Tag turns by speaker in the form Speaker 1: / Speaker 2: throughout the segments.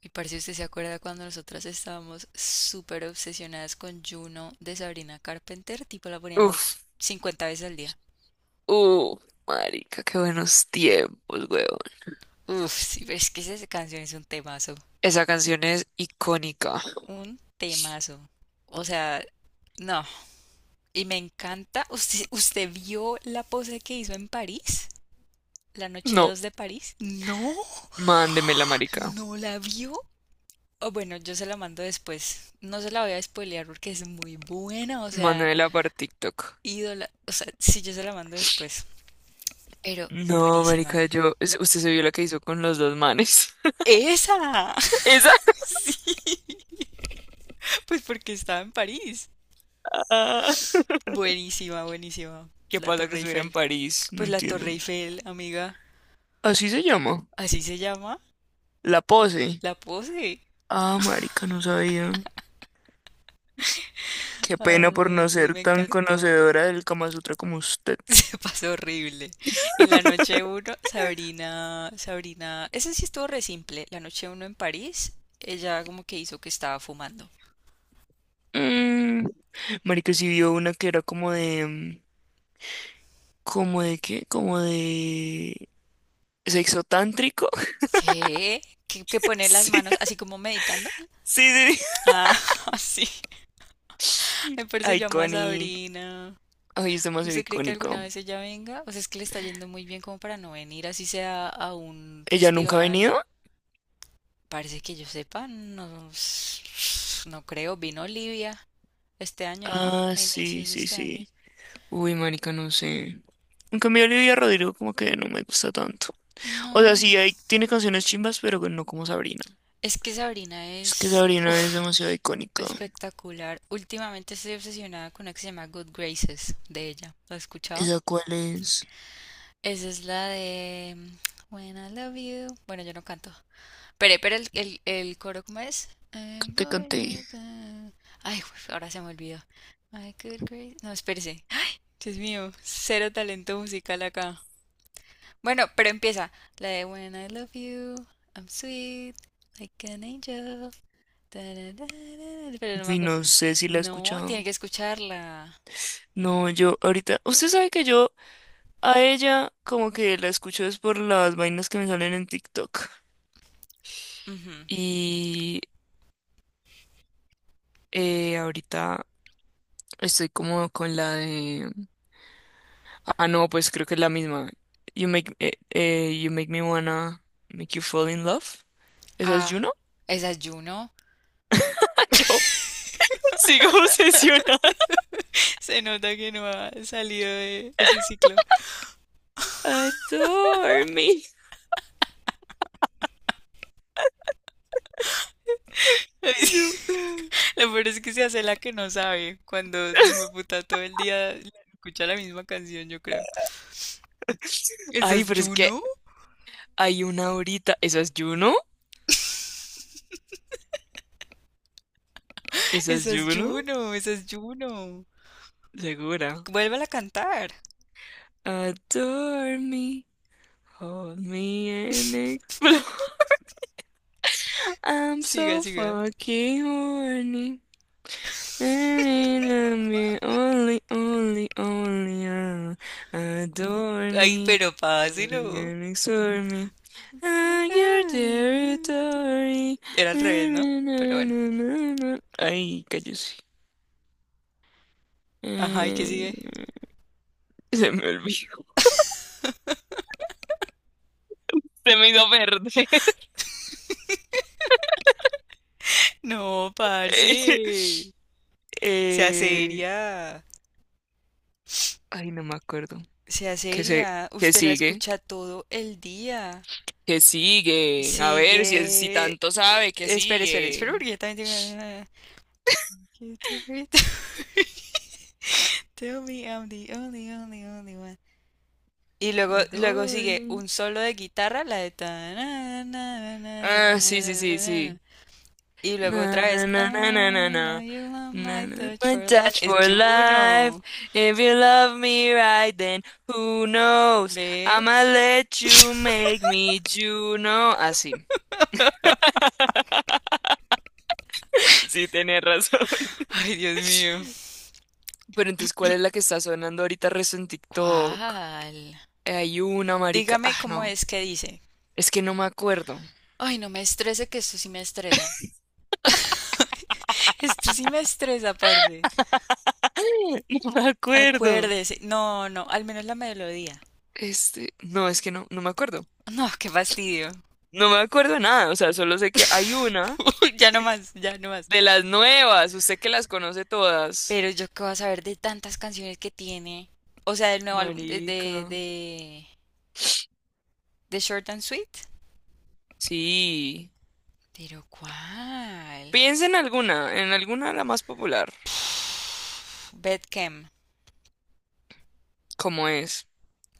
Speaker 1: Y parce, ¿usted se acuerda cuando nosotras estábamos súper obsesionadas con Juno de Sabrina Carpenter? Tipo, la poníamos
Speaker 2: Uf,
Speaker 1: 50 veces al día.
Speaker 2: uh, marica, qué buenos tiempos, weón.
Speaker 1: Uf, sí, pero es que esa canción es un temazo.
Speaker 2: Esa canción es icónica.
Speaker 1: Un temazo. O sea, no. Y me encanta. ¿Usted vio la pose que hizo en París? ¿La noche
Speaker 2: No,
Speaker 1: 2 de París? No,
Speaker 2: mándemela, marica.
Speaker 1: no la vio. O bueno, yo se la mando después. No se la voy a spoilear porque es muy buena. O sea,
Speaker 2: Mándemela para TikTok.
Speaker 1: ídola. O sea, sí, yo se la mando después. Pero
Speaker 2: No,
Speaker 1: buenísima.
Speaker 2: marica, yo... es- Usted se vio la que hizo con los dos manes.
Speaker 1: ¡Esa!
Speaker 2: Esa.
Speaker 1: Sí, pues porque estaba en París.
Speaker 2: Ah.
Speaker 1: Buenísima, buenísima.
Speaker 2: ¿Qué
Speaker 1: La
Speaker 2: pasa que
Speaker 1: Torre
Speaker 2: estuviera en
Speaker 1: Eiffel.
Speaker 2: París? No
Speaker 1: Pues la Torre
Speaker 2: entiendo.
Speaker 1: Eiffel, amiga.
Speaker 2: Así se llama.
Speaker 1: ¿Así se llama?
Speaker 2: La pose.
Speaker 1: La pose.
Speaker 2: Ah, marica, no sabía. Qué pena por
Speaker 1: Ay,
Speaker 2: no
Speaker 1: sí,
Speaker 2: ser
Speaker 1: me
Speaker 2: tan
Speaker 1: encantó.
Speaker 2: conocedora del Kama Sutra como usted.
Speaker 1: Se pasó horrible. Y la noche uno, Sabrina, ese sí estuvo re simple. La noche uno en París, ella como que hizo que estaba fumando.
Speaker 2: Mm, marica, sí vio una que era como de... ¿Como de qué? ¿Como de sexo tántrico?
Speaker 1: ¿Qué? ¿Que poner las
Speaker 2: Sí,
Speaker 1: manos así como meditando?
Speaker 2: sí,
Speaker 1: Ah, sí.
Speaker 2: sí.
Speaker 1: Me parece llama a
Speaker 2: Iconic.
Speaker 1: Sabrina.
Speaker 2: Ay, es demasiado
Speaker 1: ¿Usted cree que alguna
Speaker 2: icónico.
Speaker 1: vez ella venga? O sea, es que le está yendo muy bien como para no venir, así sea a un
Speaker 2: ¿Ella nunca ha
Speaker 1: festival.
Speaker 2: venido?
Speaker 1: Parece que yo sepa, no, no creo. Vino Olivia este año, ¿no?
Speaker 2: Ah,
Speaker 1: A
Speaker 2: sí,
Speaker 1: inicios de
Speaker 2: sí,
Speaker 1: este año.
Speaker 2: sí. Uy, marica, no sé. En cambio, Olivia Rodrigo como que no me gusta tanto. O sea,
Speaker 1: No,
Speaker 2: sí, hay, tiene canciones chimbas, pero no como Sabrina.
Speaker 1: es que Sabrina
Speaker 2: Es que
Speaker 1: es,
Speaker 2: Sabrina es
Speaker 1: uf,
Speaker 2: demasiado icónica.
Speaker 1: espectacular. Últimamente estoy obsesionada con una que se llama Good Graces de ella. ¿Lo has escuchado?
Speaker 2: ¿Esa cuál es?
Speaker 1: Esa es la de When I Love You. Bueno, yo no canto. Pero el coro, ¿cómo es?
Speaker 2: Cante, cante.
Speaker 1: Ay, güey, ahora se me olvidó. My good grace. No, espérese. Dios mío, cero talento musical acá. Bueno, pero empieza. La de When I love you, I'm sweet, like an angel. Ta, da, da, da, da, pero no me
Speaker 2: Uy,
Speaker 1: acuerdo.
Speaker 2: no sé si la he
Speaker 1: No,
Speaker 2: escuchado.
Speaker 1: tiene que escucharla.
Speaker 2: No, yo ahorita... Usted sabe que yo, a ella como que la escucho es por las vainas que me salen en TikTok.
Speaker 1: Ujú.
Speaker 2: Y ahorita estoy como con la de... Ah, no, pues creo que es la misma. You make me wanna make you fall in love. ¿Esa es
Speaker 1: Ah,
Speaker 2: Juno?
Speaker 1: esa es Juno.
Speaker 2: Ah, yo sigo obsesionada.
Speaker 1: Se nota que no ha salido de ese ciclo.
Speaker 2: Adore me. No.
Speaker 1: Lo peor es que se hace la que no sabe cuando puta todo el día escucha la misma canción, yo creo. ¿Esa
Speaker 2: Ay,
Speaker 1: es
Speaker 2: pero es que
Speaker 1: Juno?
Speaker 2: hay una ahorita. ¿Esa es Juno? ¿Esa es
Speaker 1: ¿Esa es
Speaker 2: Juno?
Speaker 1: Juno? ¿Esa es Juno?
Speaker 2: Segura.
Speaker 1: Vuélvala a cantar.
Speaker 2: Adore me. Hold me and explode. I'm
Speaker 1: Siga,
Speaker 2: so
Speaker 1: siga.
Speaker 2: fucking horny. And me only, only, only, adore
Speaker 1: Ay,
Speaker 2: me.
Speaker 1: pero
Speaker 2: Only
Speaker 1: páselo.
Speaker 2: and explore me. I'm your territory.
Speaker 1: Era al
Speaker 2: Na,
Speaker 1: revés, ¿no? Pero
Speaker 2: na,
Speaker 1: bueno.
Speaker 2: na, na, na. Ay, cállese.
Speaker 1: Ajá, ¿y qué
Speaker 2: Eh,
Speaker 1: sigue?
Speaker 2: se me olvidó. Se me hizo verde.
Speaker 1: No, parce. Sea
Speaker 2: Eh,
Speaker 1: seria.
Speaker 2: ay, no me acuerdo.
Speaker 1: Sea
Speaker 2: Que se,
Speaker 1: seria.
Speaker 2: que
Speaker 1: Usted la
Speaker 2: sigue,
Speaker 1: escucha todo el día.
Speaker 2: que sigue. A ver si, si
Speaker 1: Sigue.
Speaker 2: tanto sabe, que
Speaker 1: Espera, espera, espera,
Speaker 2: sigue.
Speaker 1: porque yo también tengo. You tell me- tell me I'm the only, only, only one. Y luego sigue
Speaker 2: Adorme.
Speaker 1: un solo de guitarra, la de ta- na- na- na- na-
Speaker 2: Ah, sí, sí, sí,
Speaker 1: na- na.
Speaker 2: sí.
Speaker 1: Y luego otra
Speaker 2: Na,
Speaker 1: vez.
Speaker 2: na, na, na, na, na,
Speaker 1: I know
Speaker 2: na.
Speaker 1: you want
Speaker 2: Na,
Speaker 1: my
Speaker 2: na,
Speaker 1: touch
Speaker 2: my
Speaker 1: for life.
Speaker 2: touch
Speaker 1: Es
Speaker 2: for life.
Speaker 1: Juno.
Speaker 2: If you love me right, then who knows?
Speaker 1: ¿Ve?
Speaker 2: I'ma let you make me Juno. Así. Sí, tenés razón.
Speaker 1: Ay, Dios mío.
Speaker 2: Pero entonces, ¿cuál es la que está sonando ahorita rezo en TikTok?
Speaker 1: ¿Cuál?
Speaker 2: Hay una marica. Ah,
Speaker 1: Dígame cómo
Speaker 2: no.
Speaker 1: es que dice.
Speaker 2: Es que no me acuerdo.
Speaker 1: Ay, no me estrese, que esto sí me estresa. Esto sí me estresa, parce.
Speaker 2: No me acuerdo.
Speaker 1: Acuérdese, no, no, al menos la melodía.
Speaker 2: Este, no, es que no me acuerdo.
Speaker 1: No, qué fastidio.
Speaker 2: No me acuerdo de nada, o sea, solo sé que hay una
Speaker 1: Ya no más, ya no más.
Speaker 2: de las nuevas, usted que las conoce todas.
Speaker 1: Pero yo qué voy a saber de tantas canciones que tiene, o sea, del nuevo álbum, de,
Speaker 2: Marica.
Speaker 1: de, de, de Short and Sweet.
Speaker 2: Sí.
Speaker 1: Pero ¿cuál?
Speaker 2: Piensa en alguna la más popular.
Speaker 1: Bedcam.
Speaker 2: ¿Cómo es?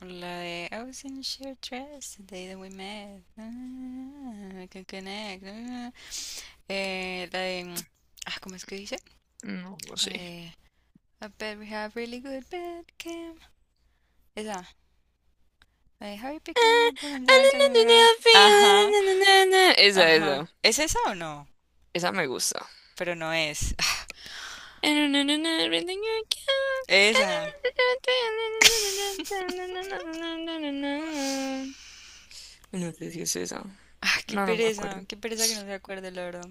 Speaker 1: La de I was in a short dress the day that we met. Ah, I can connect. Ah. La de. Ah, ¿cómo es que dice?
Speaker 2: No, no sé.
Speaker 1: Eh, I bet we have really good bedcam. Esa. Like, how you pick me up, pull him down, turn me around. Ajá,
Speaker 2: Esa,
Speaker 1: ajá.
Speaker 2: esa.
Speaker 1: ¿Es esa o no?
Speaker 2: Esa me gusta.
Speaker 1: Pero no es. Esa.
Speaker 2: No sé si es esa.
Speaker 1: Ah,
Speaker 2: No, no me acuerdo.
Speaker 1: qué pereza que no se acuerde, la verdad.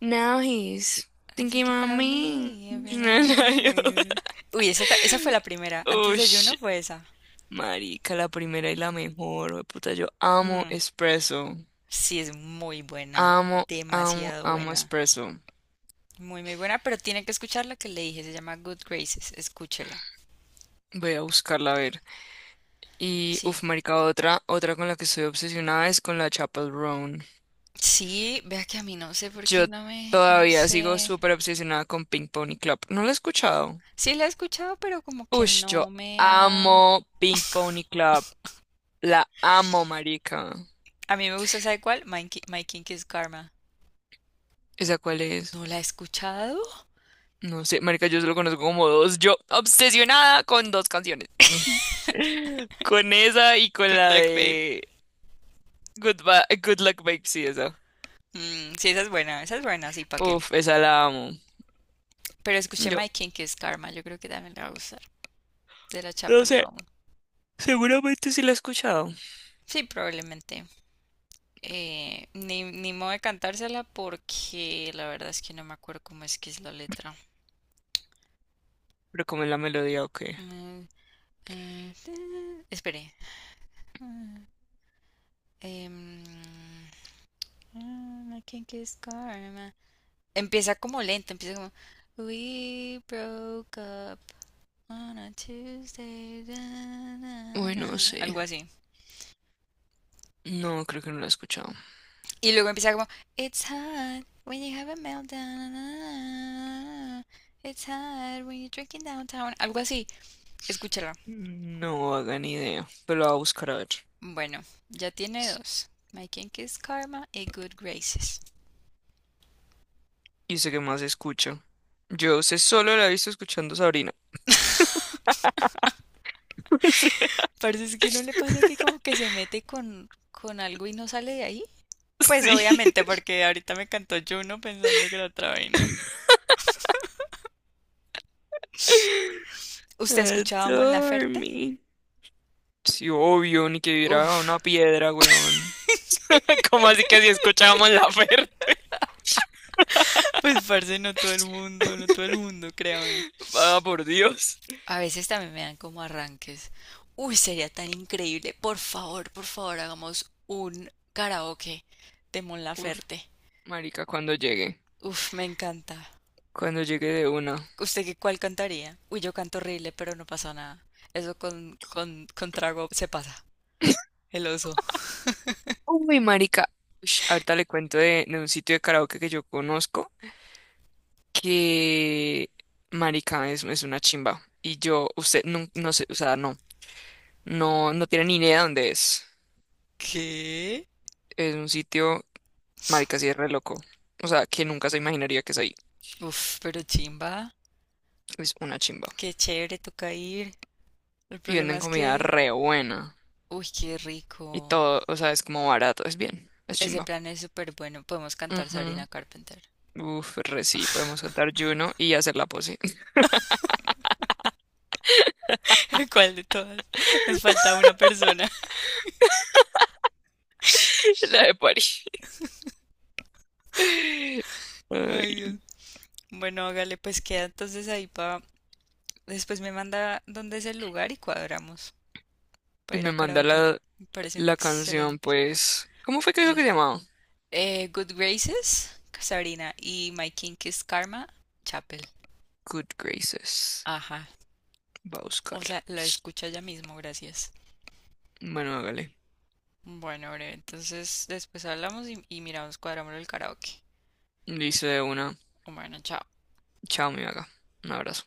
Speaker 2: Now he's
Speaker 1: I
Speaker 2: thinking
Speaker 1: think
Speaker 2: about
Speaker 1: about
Speaker 2: me.
Speaker 1: me every night
Speaker 2: And
Speaker 1: I don't
Speaker 2: I-
Speaker 1: know. Uy, esa, esa fue la primera. Antes
Speaker 2: oh,
Speaker 1: de Juno
Speaker 2: shit.
Speaker 1: fue esa.
Speaker 2: Marica, la primera y la mejor. Oh, puta, yo amo
Speaker 1: Mm,
Speaker 2: espresso.
Speaker 1: sí, es muy buena.
Speaker 2: Amo, amo,
Speaker 1: Demasiado
Speaker 2: amo
Speaker 1: buena.
Speaker 2: espresso.
Speaker 1: Muy, muy buena, pero tiene que escuchar la que le dije. Se llama Good Graces. Escúchela.
Speaker 2: Voy a buscarla a ver. Y,
Speaker 1: Sí.
Speaker 2: uff, marica, otra, otra con la que estoy obsesionada es con la Chapel Roan.
Speaker 1: Sí, vea que a mí no sé por qué
Speaker 2: Yo
Speaker 1: no me... No
Speaker 2: todavía sigo
Speaker 1: sé.
Speaker 2: súper obsesionada con Pink Pony Club. ¿No la he escuchado?
Speaker 1: Sí la he escuchado, pero como que
Speaker 2: Ush, yo
Speaker 1: no me ha...
Speaker 2: amo Pink Pony Club. La amo, marica.
Speaker 1: A mí me gusta, ¿sabe cuál? My Kink is Karma.
Speaker 2: ¿Esa cuál es?
Speaker 1: ¿No la he escuchado?
Speaker 2: No sé, marica, yo solo conozco como dos. Yo obsesionada con dos canciones. Con esa y con
Speaker 1: Good
Speaker 2: la
Speaker 1: luck, babe.
Speaker 2: de Good, Ba- Good Luck Babe, sí, esa.
Speaker 1: Mm, sí, esa es buena, sí, ¿para qué?
Speaker 2: Uf, esa la amo.
Speaker 1: Pero escuché
Speaker 2: Yo
Speaker 1: My Kink is Karma, yo creo que también la va a gustar. De la
Speaker 2: no
Speaker 1: Chapel
Speaker 2: sé,
Speaker 1: Roan.
Speaker 2: seguramente sí la he escuchado.
Speaker 1: Sí, probablemente. Ni modo de cantársela porque la verdad es que no me acuerdo cómo es que es la letra.
Speaker 2: Pero como es la melodía o qué.
Speaker 1: Mm, Espere. Ah, em, ah, My Kink is Karma. Empieza como lento, empieza como We broke up on a Tuesday, da, na,
Speaker 2: Uy, no
Speaker 1: na",
Speaker 2: sé.
Speaker 1: algo así.
Speaker 2: No, creo que no la he escuchado.
Speaker 1: Y luego empieza como It's hard when you have a meltdown, na, It's hard when you're drinking downtown, algo así. Escúchala.
Speaker 2: No hagan idea, pero la voy a buscar a ver.
Speaker 1: Bueno, ya tiene dos. My Kink is Karma y Good Graces.
Speaker 2: Y sé que más escucho. Yo sé, solo la he visto escuchando Sabrina.
Speaker 1: Parece que no le pasa que como que se mete con algo y no sale de ahí. Pues
Speaker 2: Sí.
Speaker 1: obviamente, porque ahorita me cantó Juno pensando que era otra vaina. ¿Usted escuchaba a Mon
Speaker 2: Adore
Speaker 1: Laferte?
Speaker 2: me. Sí, obvio, ni que viera
Speaker 1: Uf,
Speaker 2: una piedra, weón. ¿Cómo así que si escuchábamos la oferta?
Speaker 1: pues parce, no todo el mundo, no todo el mundo, créame.
Speaker 2: Va, por Dios.
Speaker 1: A veces también me dan como arranques. Uy, sería tan increíble. Por favor, hagamos un karaoke de Mon
Speaker 2: Uf,
Speaker 1: Laferte.
Speaker 2: marica, cuando llegue.
Speaker 1: Uf, me encanta.
Speaker 2: Cuando llegue de una.
Speaker 1: ¿Usted qué cuál cantaría? Uy, yo canto horrible, pero no pasa nada. Eso con trago se pasa. El oso.
Speaker 2: Uy, marica. Ush, ahorita le cuento de un sitio de karaoke que yo conozco que, marica, es una chimba. Y yo, usted, no, no sé, o sea, no. No, no tiene ni idea de dónde es.
Speaker 1: ¿Qué?
Speaker 2: Es un sitio, marica, sí es re loco. O sea, que nunca se imaginaría que es ahí.
Speaker 1: Uf, pero chimba.
Speaker 2: Es una chimba.
Speaker 1: Qué chévere, toca ir. El
Speaker 2: Y
Speaker 1: problema
Speaker 2: venden
Speaker 1: es
Speaker 2: comida
Speaker 1: que...
Speaker 2: re buena.
Speaker 1: Uy, qué
Speaker 2: Y
Speaker 1: rico.
Speaker 2: todo, o sea, es como barato, es bien, es
Speaker 1: Ese
Speaker 2: chimba.
Speaker 1: plan es súper bueno. Podemos cantar Sabrina
Speaker 2: Ujú.
Speaker 1: Carpenter.
Speaker 2: Uf, re sí, podemos cantar Juno y hacer la pose.
Speaker 1: ¿Cuál de todas? Nos falta una persona.
Speaker 2: La de París.
Speaker 1: Ay,
Speaker 2: Ay,
Speaker 1: Dios. Bueno, hágale, pues queda entonces ahí para... Después me manda dónde es el lugar y cuadramos para
Speaker 2: y
Speaker 1: ir
Speaker 2: me
Speaker 1: a
Speaker 2: manda
Speaker 1: karaoke.
Speaker 2: la,
Speaker 1: Me parece un
Speaker 2: la canción,
Speaker 1: excelente
Speaker 2: pues. ¿Cómo fue que dijo
Speaker 1: plan.
Speaker 2: que se llamaba?
Speaker 1: Good Graces, Sabrina, y My Kink is Karma, Chapel.
Speaker 2: Good Graces.
Speaker 1: Ajá.
Speaker 2: Va a
Speaker 1: O
Speaker 2: buscarla.
Speaker 1: sea, la escucha ya mismo, gracias.
Speaker 2: Bueno, hágale.
Speaker 1: Bueno, breve, entonces después hablamos y, miramos, cuadramos el karaoke.
Speaker 2: Dice una.
Speaker 1: Bueno, chao.
Speaker 2: Chao, mi vaga. Un abrazo.